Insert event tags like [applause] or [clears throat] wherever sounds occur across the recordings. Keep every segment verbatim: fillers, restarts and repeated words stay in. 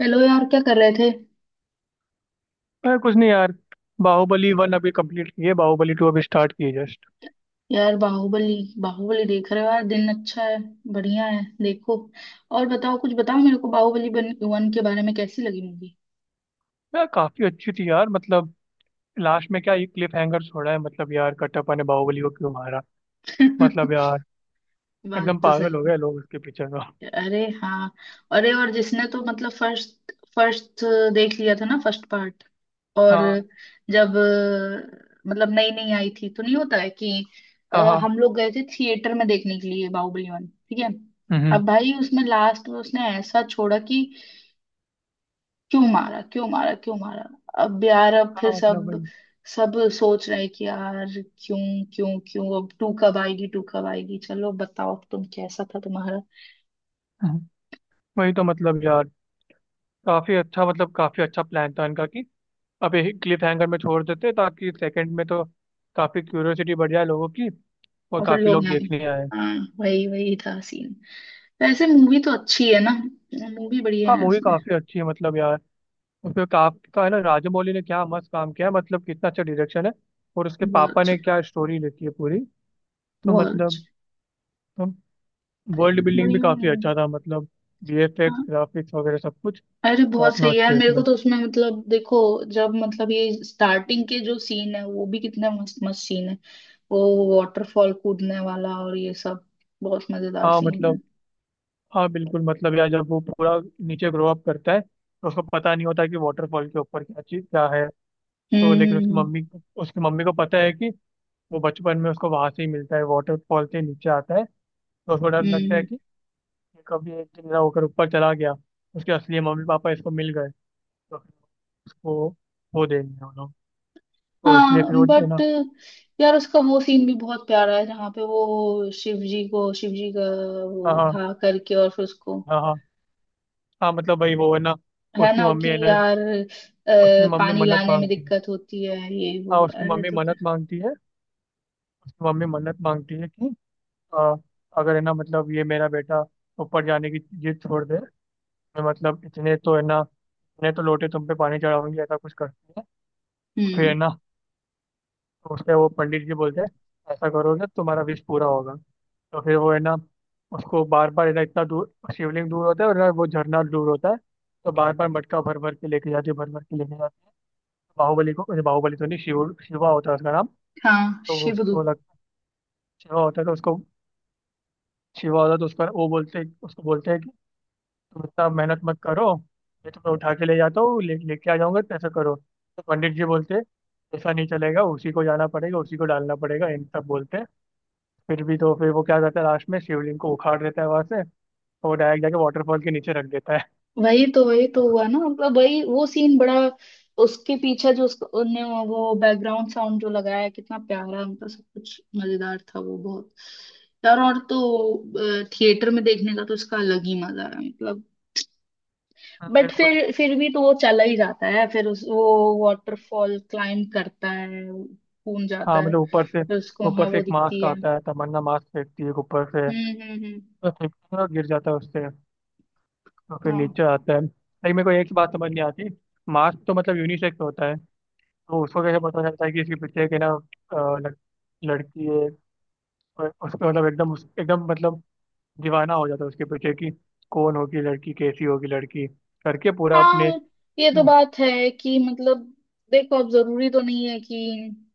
Hello यार, क्या कर रहे थे? अरे कुछ नहीं यार। बाहुबली वन अभी कंप्लीट की है। बाहुबली टू अभी स्टार्ट की है जस्ट। यार बाहुबली? बाहुबली देख रहे हो? यार दिन अच्छा है। बढ़िया है, देखो। और बताओ, कुछ बताओ मेरे को बाहुबली बन, वन के बारे में, कैसी लगी मूवी? यार काफी अच्छी थी यार, मतलब लास्ट में क्या ये क्लिफ हैंगर छोड़ा है, मतलब यार कटप्पा ने बाहुबली को क्यों मारा। मतलब [laughs] यार बात एकदम तो पागल सही हो गए लोग उसके पीछे तो। है। अरे हाँ। अरे और जिसने तो मतलब फर्स्ट फर्स्ट देख लिया था ना फर्स्ट पार्ट और, हाँ जब अ, मतलब नई नई आई थी तो, नहीं होता है कि अ, हाँ हाँ। हम लोग गए थे थिएटर में देखने के लिए बाहुबली वन, ठीक है। हम्म। अब भाई उसमें लास्ट में उसने ऐसा छोड़ा कि क्यों मारा, क्यों मारा, क्यों मारा। अब यार अब फिर हाँ मतलब सब वही। सब सोच रहे कि यार क्यों, क्यों, क्यों। अब टू कब आएगी, टू कब आएगी? चलो बताओ, अब तुम कैसा था तुम्हारा। हम्म, वही तो मतलब यार, काफी अच्छा, मतलब काफी अच्छा प्लान था इनका कि अब क्लिफ हैंगर में छोड़ देते ताकि सेकंड में तो काफी क्यूरियोसिटी बढ़ जाए लोगों की, और और फिर काफी लोग लोग आए। देखने आए। हाँ, वही वही था सीन। वैसे मूवी तो अच्छी है ना, मूवी बढ़िया हाँ है मूवी उसमें। काफी अच्छी है, मतलब यार उसमें काफी का है ना, राजमौली ने क्या मस्त काम किया है, मतलब कितना अच्छा डायरेक्शन है। और उसके बहुत पापा अच्छा। ने क्या स्टोरी लिखी है पूरी। तो बहुत अच्छा। मतलब, तो वर्ल्ड बिल्डिंग भी बढ़िया काफी है। अच्छा था, मतलब वीएफएक्स हाँ। ग्राफिक्स वगैरह सब कुछ अरे बहुत टॉप सही है नॉच यार, थे मेरे इसमें। को तो उसमें मतलब देखो, जब मतलब ये स्टार्टिंग के जो सीन है वो भी कितना मस्त मस्त सीन है। वो वाटरफॉल कूदने वाला और ये सब, बहुत मजेदार हाँ सीन है। मतलब, हाँ बिल्कुल, मतलब यार जब वो पूरा नीचे ग्रो अप करता है तो उसको पता नहीं होता कि वाटरफॉल के ऊपर क्या चीज क्या है। तो हम्म, लेकिन हम्म, उसकी हम्म। मम्मी, उसकी मम्मी को पता है कि वो बचपन में उसको वहां से ही मिलता है, वाटरफॉल से नीचे आता है। तो उसको डर हम्म, लगता है हम्म। कि कभी एक दिन ना होकर ऊपर चला गया, उसके असली मम्मी पापा इसको मिल गए तो फिर उसको वो देंगे वो लोग, तो इसलिए हाँ फिर वो है ना। बट यार, उसका वो सीन भी बहुत प्यारा है जहाँ पे वो शिव जी को, शिव जी का वो हाँ हाँ उठा करके और फिर उसको, हाँ हाँ। हाँ, मतलब भाई वो है ना, है उसकी ना मम्मी कि है ना, यार अ, उसकी मम्मी पानी मन्नत लाने में मांगती है। दिक्कत होती है, ये हाँ वो, उसकी अरे मम्मी तो फिर-। मन्नत मांगती है, उसकी मम्मी मन्नत मांगती है कि आ, अगर है ना, मतलब ये मेरा बेटा ऊपर जाने की जिद छोड़ दे, मैं मतलब इतने तो है ना, इतने तो लोटे तुम पे पानी चढ़ाऊंगी, ऐसा कुछ करती है। तो फिर हम्म। है ना, तो उससे वो पंडित जी बोलते हैं, ऐसा करोगे तो तुम्हारा विश पूरा होगा। तो फिर वो है ना, उसको बार बार है ना, इतना दूर शिवलिंग दूर होता है और ना वो झरना दूर होता है, तो बार बार मटका भर भर के लेके जाती है, भर भर के लेके जाती है बाहुबली को। अरे बाहुबली तो नहीं, शिव शिवा होता है उसका नाम। हाँ, तो वो उसको शिवदूत। लगता है, शिवा होता है तो उसको, शिवा होता है तो उसका, वो बोलते उसको बोलते हैं कि तुम इतना मेहनत मत करो, मैं तुम्हें उठा के ले जाता हूँ, ले लेके आ जाऊंगा तो ऐसा करो। तो पंडित जी बोलते हैं, ऐसा नहीं चलेगा, उसी को जाना पड़ेगा, उसी को डालना पड़ेगा, इन सब बोलते हैं। फिर भी तो, फिर वो क्या करता है, लास्ट में शिवलिंग को उखाड़ देता है वहां से, और वो डायरेक्ट जाके वाटरफॉल के नीचे रख देता है। वही तो, वही तो हुआ ना मतलब वही वो सीन बड़ा, उसके पीछे जो उसको उनने वो बैकग्राउंड साउंड जो लगाया कितना प्यारा, मतलब सब कुछ मजेदार था वो बहुत। यार और तो थिएटर में देखने का तो इसका अलग ही मजा है मतलब। हाँ, बट बिल्कुल। फिर फिर भी तो वो चला ही जाता है, फिर उस वो वाटरफॉल क्लाइम करता है, कूद हाँ जाता है, मतलब ऊपर से, फिर उसको ऊपर वहां से वो एक दिखती मास्क है। आता है, तमन्ना मास्क फेंकती है ऊपर से, हम्म, हम्म, हम्म। तो फेंकती है और गिर जाता है उससे। तो फिर हाँ। नीचे आता है, लेकिन मेरे को एक बात समझ नहीं आती, मास्क तो मतलब यूनिसेक्स होता है, तो उसको कैसे पता चलता है कि इसके पीछे के ना, अ, लड़- लड़की है। और उसको, मतलब एकदम उस- एकदम, मतलब दीवाना हो जाता है उसके पीछे की, कौन होगी लड़की, कैसी होगी लड़की, करके पूरा हाँ, अपने। ये तो [laughs] बात है कि मतलब, देखो अब जरूरी तो नहीं है कि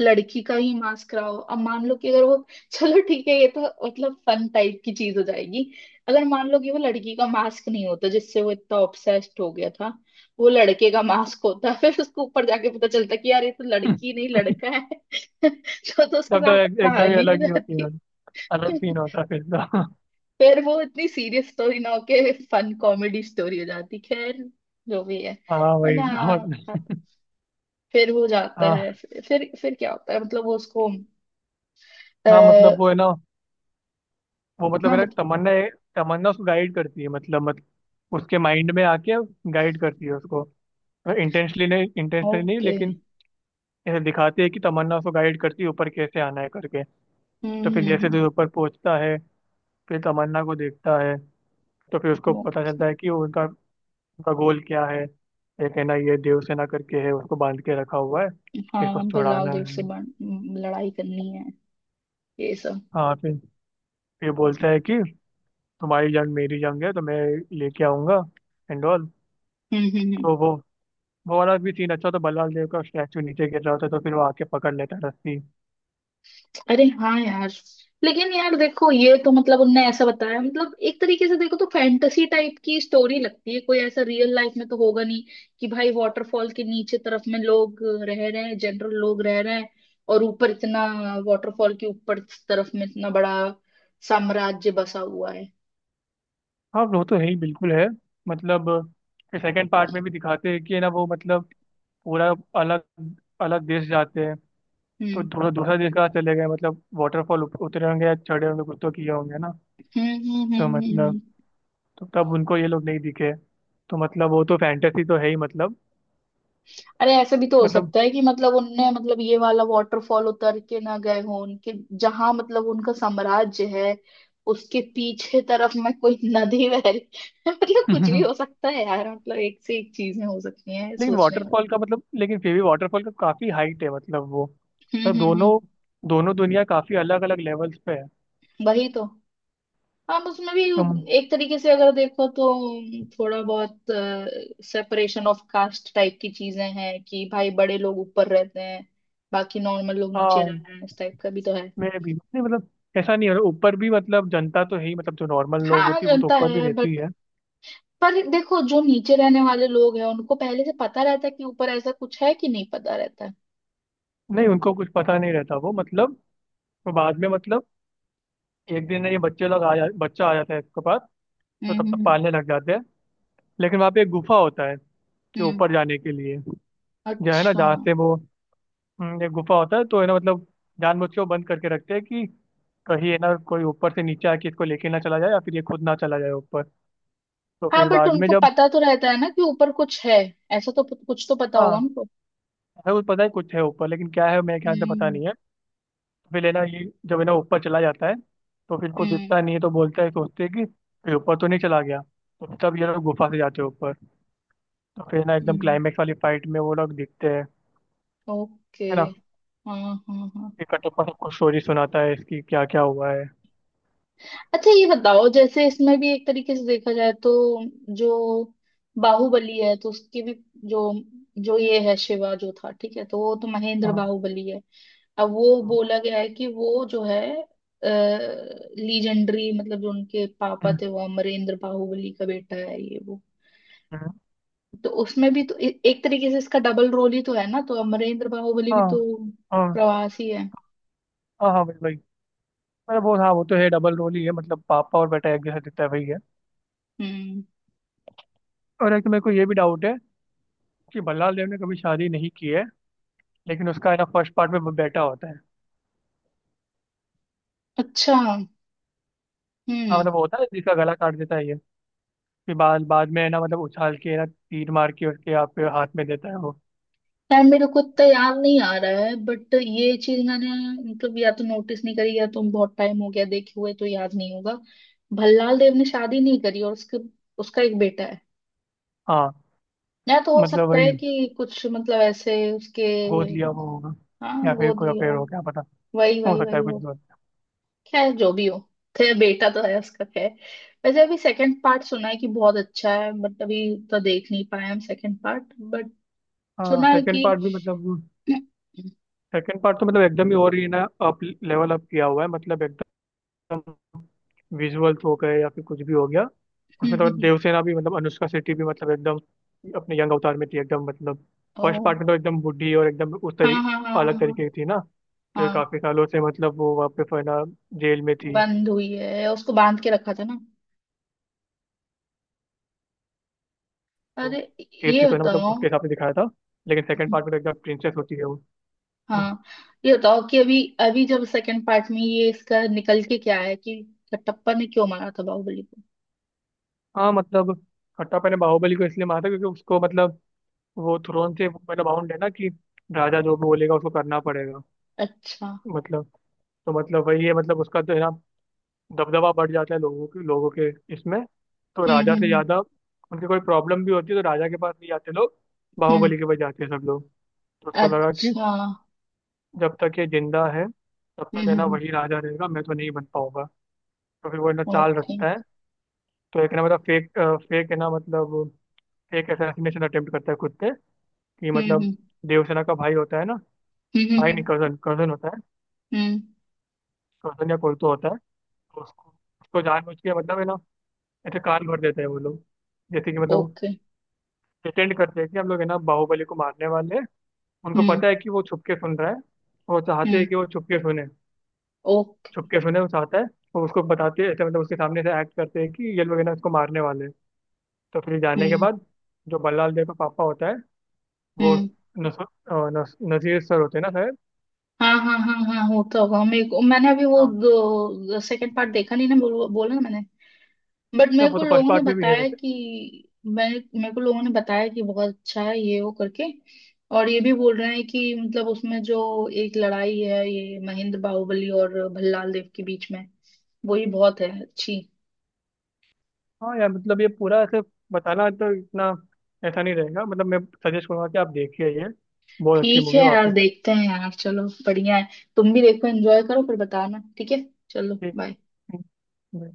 लड़की का ही मास्क कराओ, अब मान लो कि अगर वो, चलो ठीक है ये तो, मतलब फन टाइप की चीज हो जाएगी। अगर मान लो कि वो लड़की का मास्क नहीं होता जिससे वो इतना ऑब्सेस्ड हो गया था, वो लड़के का मास्क होता [laughs] फिर उसको ऊपर जाके पता चलता कि यार ये तो लड़की नहीं लड़का है [laughs] तो, तो उसके तब तो साथ एक, एकदम ही कहानी हो अलग ही होती है, जाती। अलग सीन [laughs] होता है फिर तो। [laughs] फिर वो इतनी सीरियस स्टोरी ना होके फन कॉमेडी स्टोरी हो जाती। खैर जो भी है। हाँ बट वही हाँ। हाँ, था-। फिर वो जाता है, हाँ फिर फिर फिर क्या होता है मतलब वो उसको, हाँ, मतलब वो है ना, वो मतलब हाँ है ना बत। तमन्ना, तमन्ना उसको गाइड करती है, मतलब मत, उसके माइंड में आके गाइड करती है उसको। इंटेंशनली नहीं, इंटेंशनली नहीं, ओके। लेकिन ऐसे दिखाती है कि तमन्ना उसको गाइड करती है ऊपर कैसे आना है करके। हम्म, तो फिर हम्म, जैसे हम्म। जैसे ऊपर पहुंचता है, फिर तमन्ना को देखता है, तो फिर उसको वो, पता चलता है कि वो उनका उनका गोल क्या है। एक है ना ये देवसेना करके है, उसको बांध के रखा हुआ है, इसको हाँ, भल्लाल छुड़ाना देव से है। बन- लड़ाई करनी है, ये सब। हाँ फिर ये बोलता है कि तुम्हारी जंग मेरी जंग है, तो मैं लेके आऊंगा, एंड ऑल। हम्म, हम्म, हम्म। तो वो वो वाला भी सीन अच्छा, तो बल्लाल देव का स्टैचू नीचे गिर रहा होता है तो फिर वो आके पकड़ लेता है रस्सी। अरे हाँ यार, लेकिन यार देखो ये तो मतलब उनने ऐसा बताया, मतलब एक तरीके से देखो तो फैंटेसी टाइप की स्टोरी लगती है, कोई ऐसा रियल लाइफ में तो होगा नहीं कि भाई वाटरफॉल के नीचे तरफ में लोग रह रहे हैं, जनरल लोग रह रहे हैं, और ऊपर इतना, वाटरफॉल के ऊपर तरफ में इतना बड़ा साम्राज्य बसा हुआ है। हाँ वो तो है ही, बिल्कुल है, मतलब सेकंड पार्ट में भी दिखाते हैं कि है ना, वो मतलब पूरा अलग, अलग देश जाते हैं। तो हम्म, थोड़ा दूसरा देश का चले गए, मतलब वाटरफॉल उतरे होंगे या चढ़े होंगे, कुछ तो किए होंगे ना। हम्म, हम्म, तो हम्म, हम्म, मतलब, हम्म। तो तब उनको ये लोग नहीं दिखे। तो मतलब वो तो फैंटेसी तो है ही, मतलब अरे, ऐसे भी तो हो मतलब। सकता है कि मतलब उनने मतलब ये वाला वाटरफॉल उतर के ना गए हो, उनके जहां मतलब उनका साम्राज्य है उसके पीछे तरफ में कोई नदी बह रही [laughs] मतलब कुछ भी [laughs] हो सकता है यार, मतलब एक से एक चीजें हो सकती हैं लेकिन सोचने में। वाटरफॉल का मतलब, लेकिन फिर भी वाटरफॉल का काफी हाइट है, मतलब वो हम्म, मतलब हम्म, हम्म। दोनों दोनों दुनिया काफी अलग अलग लेवल्स पे है। वही तो, हम उसमें भी तुम, एक तरीके से अगर देखो तो थोड़ा बहुत सेपरेशन ऑफ कास्ट टाइप की चीजें हैं कि भाई बड़े लोग ऊपर रहते हैं, बाकी नॉर्मल लोग नीचे हाँ रहते हैं, इस टाइप का भी तो है। मैं भी नहीं, मतलब ऐसा नहीं है ऊपर भी, मतलब जनता तो है ही, मतलब जो नॉर्मल लोग हाँ। हाँ, होती है वो तो जनता ऊपर भी है। रहती है। पर देखो जो नीचे रहने वाले लोग हैं उनको पहले से पता रहता है कि ऊपर ऐसा कुछ है, कि नहीं पता रहता है? नहीं उनको कुछ पता नहीं रहता, वो मतलब वो बाद में, मतलब एक दिन ये बच्चे लोग आ जा, बच्चा आ जाता है इसके पास, तो हम्म, तब तक हम्म, पालने लग जाते हैं। लेकिन वहाँ पे एक गुफा होता है कि हम्म। ऊपर जाने के लिए, जो है ना अच्छा। जहाँ से वो, हम्म, एक गुफा होता है, तो है ना मतलब जानबूझ के वो बंद करके रखते हैं कि कहीं है ना कोई ऊपर से नीचे आके इसको लेके ना चला जाए, या फिर ये खुद ना चला जाए ऊपर। तो हाँ फिर बट बाद में उनको जब, पता तो रहता है ना कि ऊपर कुछ है, ऐसा तो प- कुछ तो पता होगा हाँ उनको। है वो पता है कुछ है ऊपर, लेकिन क्या है मेरे ख्याल से पता हम्म, नहीं है। फिर है ना ये, जब है ना ऊपर चला जाता है, तो फिर को हम्म, दिखता नहीं है, तो बोलता है, सोचते हैं कि फिर ऊपर तो नहीं चला गया, तो तब ये लोग गुफा से जाते हैं ऊपर। तो फिर ना एकदम हम्म। क्लाइमेक्स वाली फाइट में वो लोग दिखते हैं, ओके। है ना। हाँ, हाँ, हाँ। फिर कटप्पा सबको स्टोरी सुनाता है इसकी, क्या क्या हुआ है। अच्छा ये बताओ, जैसे इसमें भी एक तरीके से देखा जाए तो जो बाहुबली है तो उसकी भी जो जो ये है शिवा जो था, ठीक है, तो वो तो महेंद्र हाँ बाहुबली है। अब वो हाँ। बोला गया है कि वो जो है लीजेंडरी मतलब जो उनके पापा हम्म, थे वो अमरेंद्र बाहुबली का बेटा है ये वो। हम्म, तो उसमें भी तो ए, एक तरीके से इसका डबल रोल ही तो है ना, तो अमरेंद्र बाहुबली भी हाँ तो हाँ प्रवासी है। हाँ हाँ भाई भाई। मतलब वो हाँ, वो तो है डबल रोल ही है, मतलब पापा और बेटा एक जैसा दिखता है, वही है। हम्म। और एक तो मेरे को ये भी डाउट है कि भल्लाल देव ने कभी शादी नहीं की है, लेकिन उसका है ना फर्स्ट पार्ट में वो बेटा होता है। अच्छा। हाँ हम्म। मतलब वो होता है जिसका गला काट देता है ये, फिर बाद बाद में है ना, मतलब उछाल के है ना तीर मार के उसके आप हाथ में देता है वो। यार मेरे को इतना याद नहीं आ रहा है बट ये चीज मैंने मतलब या तो नोटिस नहीं करी या तो बहुत टाइम हो गया देखे हुए, तो याद नहीं होगा। भल्लाल देव ने शादी नहीं करी और उसके, उसका एक बेटा है? हाँ या तो हो मतलब सकता है वही, कि कुछ मतलब ऐसे उसके, गोद लिया वो होगा, हाँ या फिर गोद कोई लिया अफेयर हो, हो, क्या पता, वही, हो वही, सकता वही है, कुछ हो। भी हो। खैर जो भी हो, खैर बेटा तो है उसका, खैर। वैसे अभी सेकंड पार्ट सुना है कि बहुत अच्छा है, बट अभी तो देख नहीं पाए हम सेकंड पार्ट, बट हाँ सुना है सेकंड कि पार्ट भी मतलब, [clears throat] सेकंड पार्ट तो मतलब एकदम ही और ही ना, अप लेवल अप किया हुआ है, मतलब एकदम विजुअल्स हो गए या फिर कुछ भी हो गया। उसमें तो हम्म। देवसेना भी मतलब अनुष्का शेट्टी भी, मतलब एकदम अपने यंग अवतार में थी एकदम, मतलब ओ, फर्स्ट पार्ट में तो एकदम बूढ़ी और एकदम उस हाँ, तरी, हाँ, हाँ, हाँ, अलग हाँ। तरीके की थी ना, फिर हाँ, काफी सालों से मतलब वो वहाँ पे फिर ना जेल में थी, बंद हुई है, उसको बांध के रखा था ना। तो अरे, केस थी ये तो ना, मतलब बताओ। उसके हिसाब से दिखाया था। लेकिन सेकंड पार्ट में तो एकदम प्रिंसेस होती है वो। हम्म। हाँ ये बताओ कि अभी अभी जब सेकंड पार्ट में ये इसका निकल के क्या है कि कटप्पा ने क्यों मारा था बाहुबली को? हाँ मतलब खट्टापन ने बाहुबली को इसलिए मारा था, क्योंकि उसको मतलब वो थ्रोन से मतलब बाउंड है ना कि राजा जो भी बोलेगा उसको करना पड़ेगा। अच्छा। मतलब तो मतलब वही है, मतलब उसका तो है ना दबदबा बढ़ जाता है, लोगों के लोगों के इसमें। तो हम्म, राजा से हम्म, ज्यादा उनकी कोई प्रॉब्लम भी होती है तो राजा के पास नहीं जाते लोग, हम्म। हम्म। बाहुबली के पास जाते हैं सब लोग। तो उसको लगा कि अच्छा। जब तक ये जिंदा है तब तक हम्म, है ना हम्म। वही राजा रहेगा, मैं तो नहीं बन पाऊंगा। तो फिर वो है ना चाल ओके, हम्म। रचता है। तो एक है ना मतलब फेक, फेक है ना मतलब फेक असैसिनेशन अटेम्प्ट करता है खुद पे कि मतलब, Okay। देवसेना का भाई होता है ना, हम्म, हम्म, भाई हम्म, नहीं कजन, कजन होता है, हम्म। कजन या कोई तो होता है। तो उसको उसको जानबूझ के मतलब है ना ऐसे कान भर देते हैं वो लोग, जैसे कि मतलब ओके, pretend करते हैं कि हम लोग है ना बाहुबली को मारने वाले हैं। उनको हम्म। पता Okay। है कि वो छुप के सुन रहा है, वो चाहते हम्म। हैं कि वो छुप के सुने, ओके। छुप के सुने वो चाहता है। वो उसको बताते हैं ऐसे मतलब उसके सामने से एक्ट करते हैं कि ये लोग है ना उसको मारने वाले हैं। तो फिर जाने के हम्म, बाद जो बल्लाल देव का पापा होता है वो, हम्म। नस, अ, नस, नजीर सर होते हैं ना शायद। हाँ, हाँ, हाँ, हाँ, होता होगा, मेरे को, मैंने अभी हाँ वो सेकंड पार्ट देखा नहीं ना, बोल, बोला ना मैंने। बट तो मेरे वो को तो फर्स्ट लोगों ने पार्ट में भी है बताया वैसे। कि मैं, मेरे को लोगों ने बताया कि बहुत अच्छा है ये वो करके। और ये भी बोल रहे हैं कि मतलब उसमें जो एक लड़ाई है ये महेंद्र बाहुबली और भल्लाल देव के बीच में, वही बहुत है अच्छी। हाँ यार मतलब ये पूरा ऐसे बताना तो इतना ऐसा नहीं रहेगा, मतलब मैं सजेस्ट करूंगा कि आप देखिए ये, बहुत अच्छी ठीक मूवी है यार, वापस है। देखते हैं यार, चलो बढ़िया है। तुम भी देखो, एंजॉय करो, फिर बताना ठीक है। चलो ठीक बाय। है।